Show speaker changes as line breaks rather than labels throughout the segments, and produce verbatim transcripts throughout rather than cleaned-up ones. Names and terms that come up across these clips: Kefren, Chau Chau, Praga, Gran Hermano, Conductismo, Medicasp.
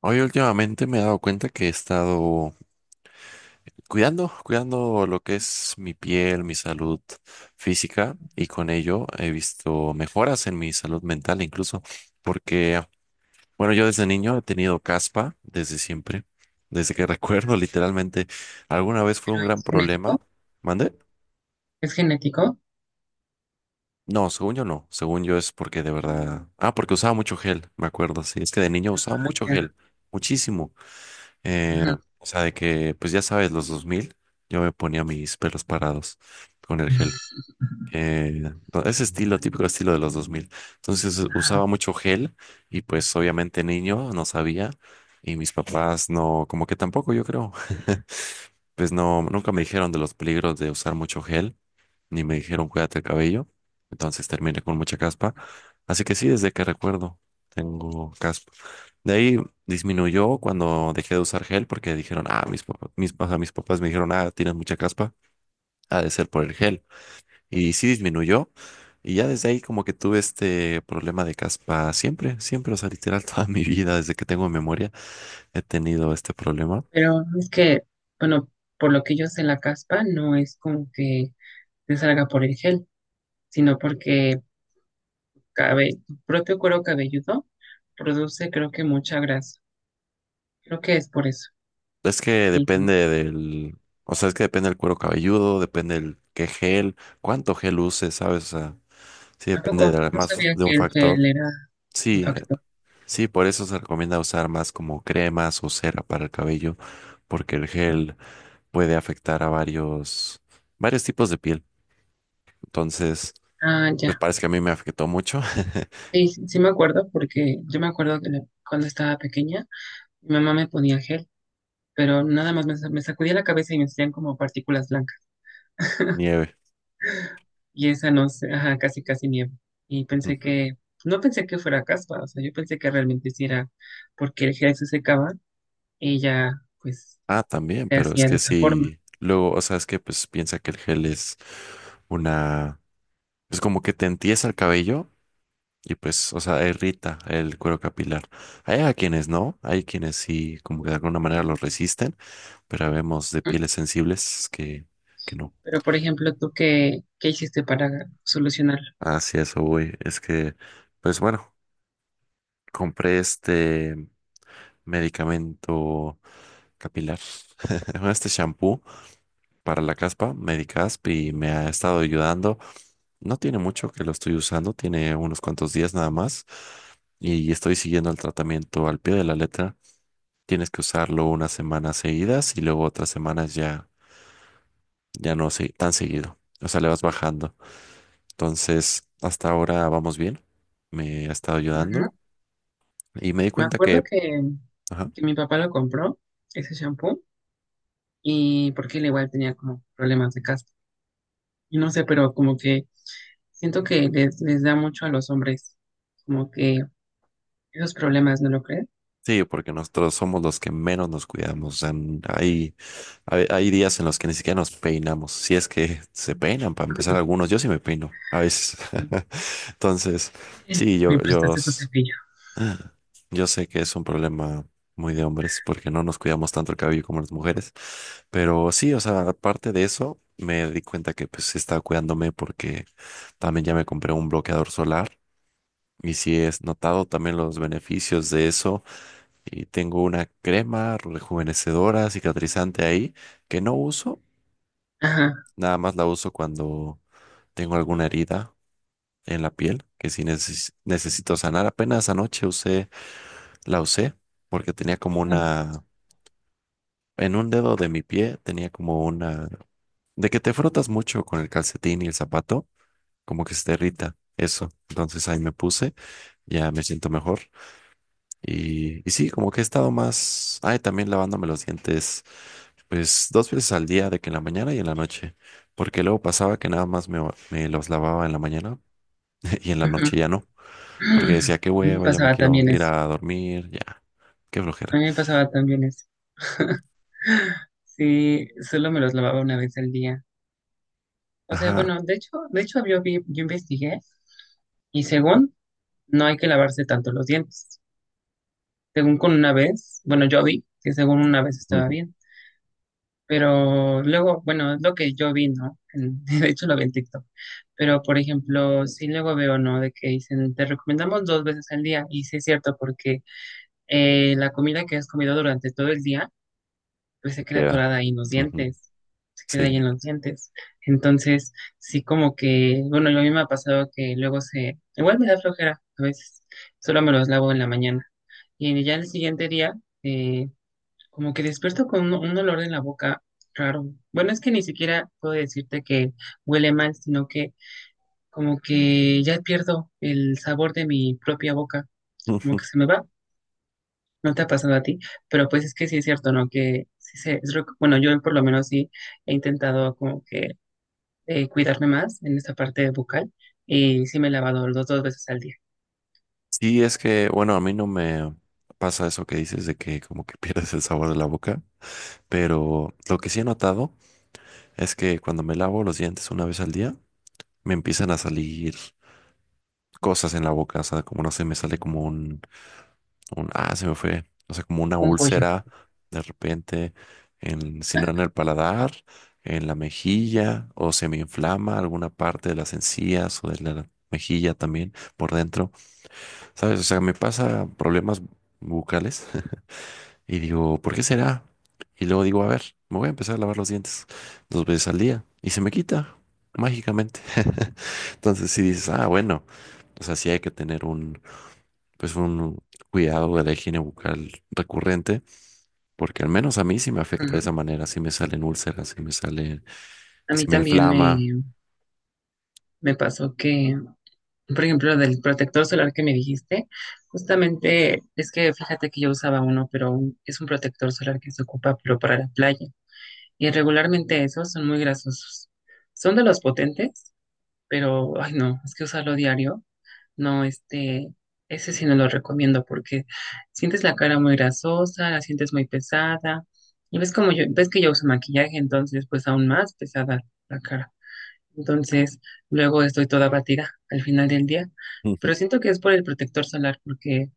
Hoy últimamente me he dado cuenta que he estado cuidando, cuidando lo que es mi piel, mi salud física, y con ello he visto mejoras en mi salud mental incluso, porque, bueno, yo desde niño he tenido caspa desde siempre, desde que recuerdo literalmente, alguna vez fue
Pero
un gran
es
problema.
genético.
¿Mandé?
Es genético.
No, según yo no, según yo es porque de verdad, ah, porque usaba mucho gel, me acuerdo, sí, es que de niño usaba
Ah,
mucho
ya.
gel, muchísimo. Eh,
Ujú.
o sea, de que, pues ya sabes, los dos mil yo me ponía mis pelos parados con el gel. Eh, no, ese estilo,
Ay,
típico estilo de los dos mil. Entonces usaba
ajá.
mucho gel y pues obviamente niño, no sabía. Y mis papás no, como que tampoco, yo creo. Pues no, nunca me dijeron de los peligros de usar mucho gel, ni me dijeron cuídate el cabello, entonces terminé con mucha caspa. Así que sí, desde que recuerdo tengo caspa. De ahí disminuyó cuando dejé de usar gel, porque dijeron, ah, mis papás, mis, ajá, mis papás me dijeron, ah, tienes mucha caspa, ha de ser por el gel. Y sí disminuyó. Y ya desde ahí como que tuve este problema de caspa siempre, siempre, o sea, literal toda mi vida, desde que tengo memoria, he tenido este problema.
Pero es que, bueno, por lo que yo sé, la caspa no es como que te salga por el gel, sino porque cabe, tu propio cuero cabelludo produce, creo que, mucha grasa. Creo que es por eso.
Es que
Y
depende del, o sea, es que depende del cuero cabelludo, depende del qué gel, cuánto gel uses, ¿sabes? O sea, sí depende
tampoco,
de
no
más
sabía
de un
que el
factor.
gel era un
Sí, eh,
factor.
sí, por eso se recomienda usar más como cremas o cera para el cabello, porque el gel puede afectar a varios, varios tipos de piel. Entonces,
Ah,
pues
ya.
parece que a mí me afectó mucho.
Sí, sí sí me acuerdo porque yo me acuerdo que la- cuando estaba pequeña, mi mamá me ponía gel pero nada más me, sa- me sacudía la cabeza y me salían como partículas blancas.
Nieve.
Y esa no sé, ajá, casi casi nieve. Y
Ujú.
pensé que, no pensé que fuera caspa, o sea, yo pensé que realmente sí era porque el gel se secaba y ya, pues,
Ah, también,
se
pero es
hacía de
que
esa forma.
sí, luego, o sea, es que pues piensa que el gel es una, pues como que te entiesa el cabello. Y pues, o sea, irrita el cuero capilar. Hay a quienes no, hay quienes sí, como que de alguna manera lo resisten, pero vemos de
Ujú.
pieles sensibles que, que no.
Pero, por ejemplo, ¿tú qué, qué hiciste para solucionarlo?
Así eso voy. Es que, pues bueno, compré este medicamento capilar, bueno, este shampoo para la caspa, Medicasp, y me ha estado ayudando. No tiene mucho que lo estoy usando, tiene unos cuantos días nada más, y estoy siguiendo el tratamiento al pie de la letra. Tienes que usarlo unas semanas seguidas y luego otras semanas ya, ya no se- tan seguido. O sea, le vas bajando. Entonces, hasta ahora vamos bien. Me ha estado ayudando
Ujú.
y me di
Me
cuenta
acuerdo
que,
que,
ajá,
que mi papá lo compró, ese shampoo, y porque él igual tenía como problemas de caspa. Y no sé, pero como que siento que les, les da mucho a los hombres, como que esos problemas, ¿no lo crees?
sí, porque nosotros somos los que menos nos cuidamos. O sea, n- hay, hay, hay días en los que ni siquiera nos peinamos. Si es que se peinan, para empezar, algunos. Yo sí me peino a veces.
Ujú.
Entonces, sí, yo,
Me
yo.
prestaste tu cepillo.
Yo sé que es un problema muy de hombres, porque no nos cuidamos tanto el cabello como las mujeres, pero sí, o sea, aparte de eso, me di cuenta que pues estaba cuidándome, porque también ya me compré un bloqueador solar y sí he notado también los beneficios de eso, y tengo una crema rejuvenecedora, cicatrizante ahí que no uso,
Ajá.
nada más la uso cuando tengo alguna herida en la piel que sí neces- necesito sanar. Apenas anoche usé, la usé porque tenía como una. En un dedo de mi pie tenía como una. De que te frotas mucho con el calcetín y el zapato, como que se te irrita eso. Entonces ahí me puse, ya me siento mejor. Y, y sí, como que he estado más. Ay, también lavándome los dientes, pues dos veces al día, de que en la mañana y en la noche. Porque luego pasaba que nada más me, me los lavaba en la mañana y en la
Ujú.
noche ya no. Porque decía, qué
A mí me
hueva, ya me
pasaba
quiero
también
ir
eso.
a dormir, ya, qué
A
flojera.
mí me pasaba también eso. Sí, solo me los lavaba una vez al día. O sea,
Ajá.
bueno, de hecho, de hecho yo vi, yo investigué y según no hay que lavarse tanto los dientes. Según con una vez, bueno, yo vi que según una vez estaba bien. Pero luego, bueno, es lo que yo vi, ¿no? En- de hecho, lo vi en TikTok. Pero, por ejemplo, sí luego veo, ¿no? De que dicen, te recomendamos dos veces al día. Y sí es cierto, porque eh, la comida que has comido durante todo el día, pues se queda
Queda.
atorada ahí en los
Ujú.
dientes. Se queda ahí
Sí.
en los dientes. Entonces, sí como que, bueno, lo mismo ha pasado que luego se, igual me da flojera a veces. Solo me los lavo en la mañana. Y ya el siguiente día, eh, como que despierto con un, un olor en la boca raro. Bueno, es que ni siquiera puedo decirte que huele mal, sino que como que ya pierdo el sabor de mi propia boca, como que se me va. No te ha pasado a ti, pero pues es que sí es cierto, ¿no? Que sí se, es, rec- Bueno, yo por lo menos sí he intentado como que eh, cuidarme más en esta parte bucal y sí me he lavado los dos veces al día.
Sí, es que, bueno, a mí no me pasa eso que dices de que como que pierdes el sabor de la boca, pero lo que sí he notado es que cuando me lavo los dientes una vez al día, me empiezan a salir cosas en la boca, o sea, como no sé, me sale como un, un, ah, se me fue, o sea, como una
Un pollo.
úlcera de repente, en, si no en el paladar, en la mejilla, o se me inflama alguna parte de las encías o de la mejilla también por dentro, ¿sabes? O sea, me pasa problemas bucales. Y digo, ¿por qué será? Y luego digo, a ver, me voy a empezar a lavar los dientes dos veces al día y se me quita mágicamente. Entonces si dices, ah, bueno, o sea, sí hay que tener un, pues un cuidado de la higiene bucal recurrente, porque al menos a mí sí me afecta de
Ujú.
esa manera, sí me salen úlceras, sí me sale,
A
sí
mí
me
también me,
inflama.
me pasó que por ejemplo, del protector solar que me dijiste, justamente es que fíjate que yo usaba uno, pero un- es un protector solar que se ocupa pero para la playa. Y regularmente esos son muy grasosos. Son de los potentes, pero ay no, es que usarlo diario, no, este, ese sí no lo recomiendo porque sientes la cara muy grasosa, la sientes muy pesada. Y ves como yo, ves que yo uso maquillaje, entonces pues aún más pesada la cara. Entonces, luego estoy toda batida al final del día,
Ujú.
pero siento que es por el protector solar, porque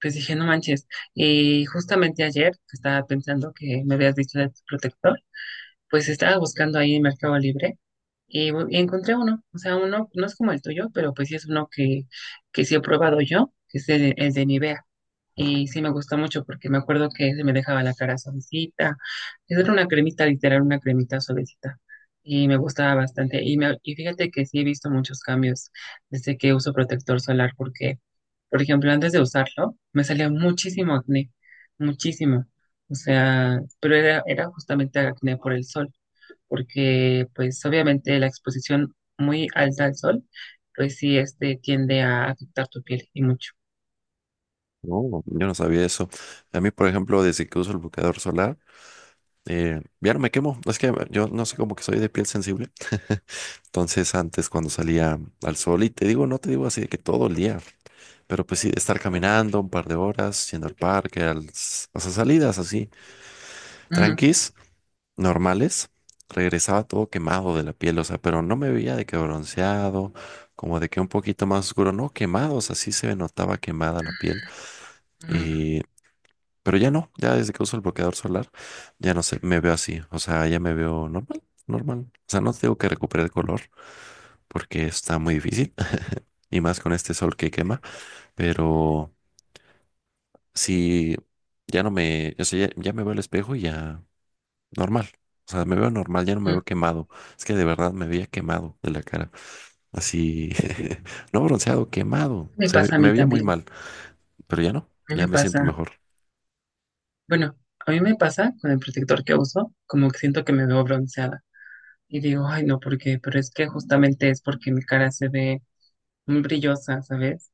pues dije, no manches. Y justamente ayer, que estaba pensando que me habías dicho de tu protector, pues estaba buscando ahí en Mercado Libre y, bu- y encontré uno. O sea, uno no es como el tuyo, pero pues sí es uno que, que sí he probado yo, que es el, el de Nivea. Y sí me gustó mucho porque me acuerdo que se me dejaba la cara suavecita. Esa era una cremita, literal, una cremita suavecita. Y me gustaba bastante. Y, me, y fíjate que sí he visto muchos cambios desde que uso protector solar porque, por ejemplo, antes de usarlo, me salía muchísimo acné, muchísimo. O sea, pero era, era justamente acné por el sol, porque pues obviamente la exposición muy alta al sol, pues sí, este tiende a afectar tu piel y mucho.
No, yo no sabía eso. A mí, por ejemplo, desde que uso el bloqueador solar, eh, ya no me quemo. Es que yo no sé cómo que soy de piel sensible. Entonces antes cuando salía al sol, y te digo, no te digo así de que todo el día, pero pues sí, estar caminando un par de horas, yendo al parque, al, o sea, salidas así,
Mm,
tranquis, normales, regresaba todo quemado de la piel, o sea, pero no me veía de que bronceado, como de que un poquito más oscuro, no, quemados, así se me notaba quemada la piel.
mm,
Y pero ya no, ya desde que uso el bloqueador solar, ya no sé, me veo así, o sea, ya me veo normal, normal. O sea, no tengo que recuperar el color porque está muy difícil, y más con este sol que quema, pero sí, ya no me, o sea, ya, ya me veo al espejo y ya normal. O sea, me veo normal, ya no me
mm.
veo quemado. Es que de verdad me veía quemado de la cara. Así, no bronceado, quemado.
Me
Se ve-
pasa a mí
me veía muy
también.
mal, pero ya no,
A mí
ya
me
me siento
pasa,
mejor.
bueno, a mí me pasa con el protector que uso, como que siento que me veo bronceada. Y digo, ay, no, ¿por qué? Pero es que justamente es porque mi cara se ve muy brillosa, ¿sabes?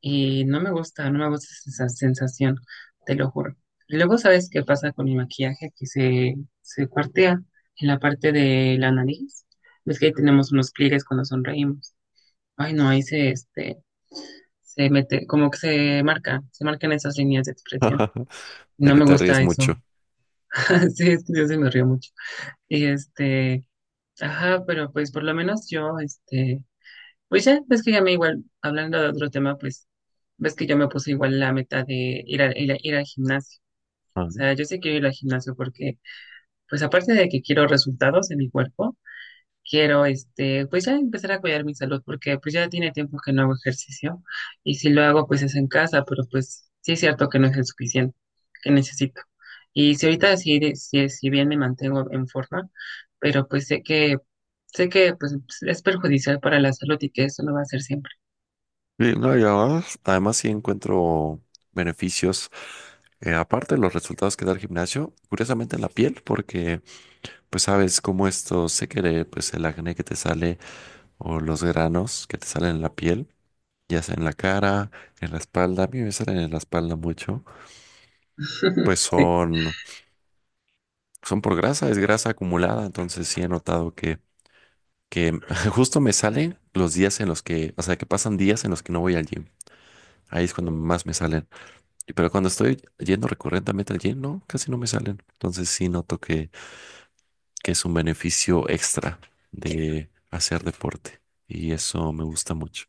Y no me gusta, no me gusta esa sensación, te lo juro. Y luego, ¿sabes qué pasa con mi maquillaje? Que se, se cuartea en la parte de la nariz. Ves que ahí tenemos unos pliegues cuando sonreímos. Ay, no, ahí se, este, se mete, como que se marca, se marcan esas líneas de expresión.
De
No
que
me
te ríes
gusta eso.
mucho.
Sí, es que yo sí me río mucho. Y este, ajá, pero pues por lo menos yo, este, pues ya, ves que ya me igual, hablando de otro tema, pues, ves que yo me puse igual la meta de ir, a- ir, a- ir al gimnasio.
Ah.
O sea, yo sí quiero ir al gimnasio porque, pues aparte de que quiero resultados en mi cuerpo, quiero, este, pues ya empezar a cuidar mi salud, porque pues ya tiene tiempo que no hago ejercicio y si lo hago, pues es en casa, pero pues sí es cierto que no es el suficiente que necesito. Y si ahorita sí, de- sí- si bien me mantengo en forma, pero pues sé que, sé que pues es perjudicial para la salud y que eso no va a ser siempre.
Sí, no, y además, además sí encuentro beneficios, eh, aparte de los resultados que da el gimnasio, curiosamente en la piel, porque pues sabes cómo esto se quiere, pues el acné que te sale o los granos que te salen en la piel, ya sea en la cara, en la espalda, a mí me salen en la espalda mucho, pues son, son por grasa, es grasa acumulada, entonces sí he notado que, que justo me salen los días en los que, o sea, que pasan días en los que no voy al gym, ahí es cuando más me salen. Y pero cuando estoy yendo recurrentemente al gym, no, casi no me salen. Entonces sí noto que, que es un beneficio extra de hacer deporte. Y eso me gusta mucho.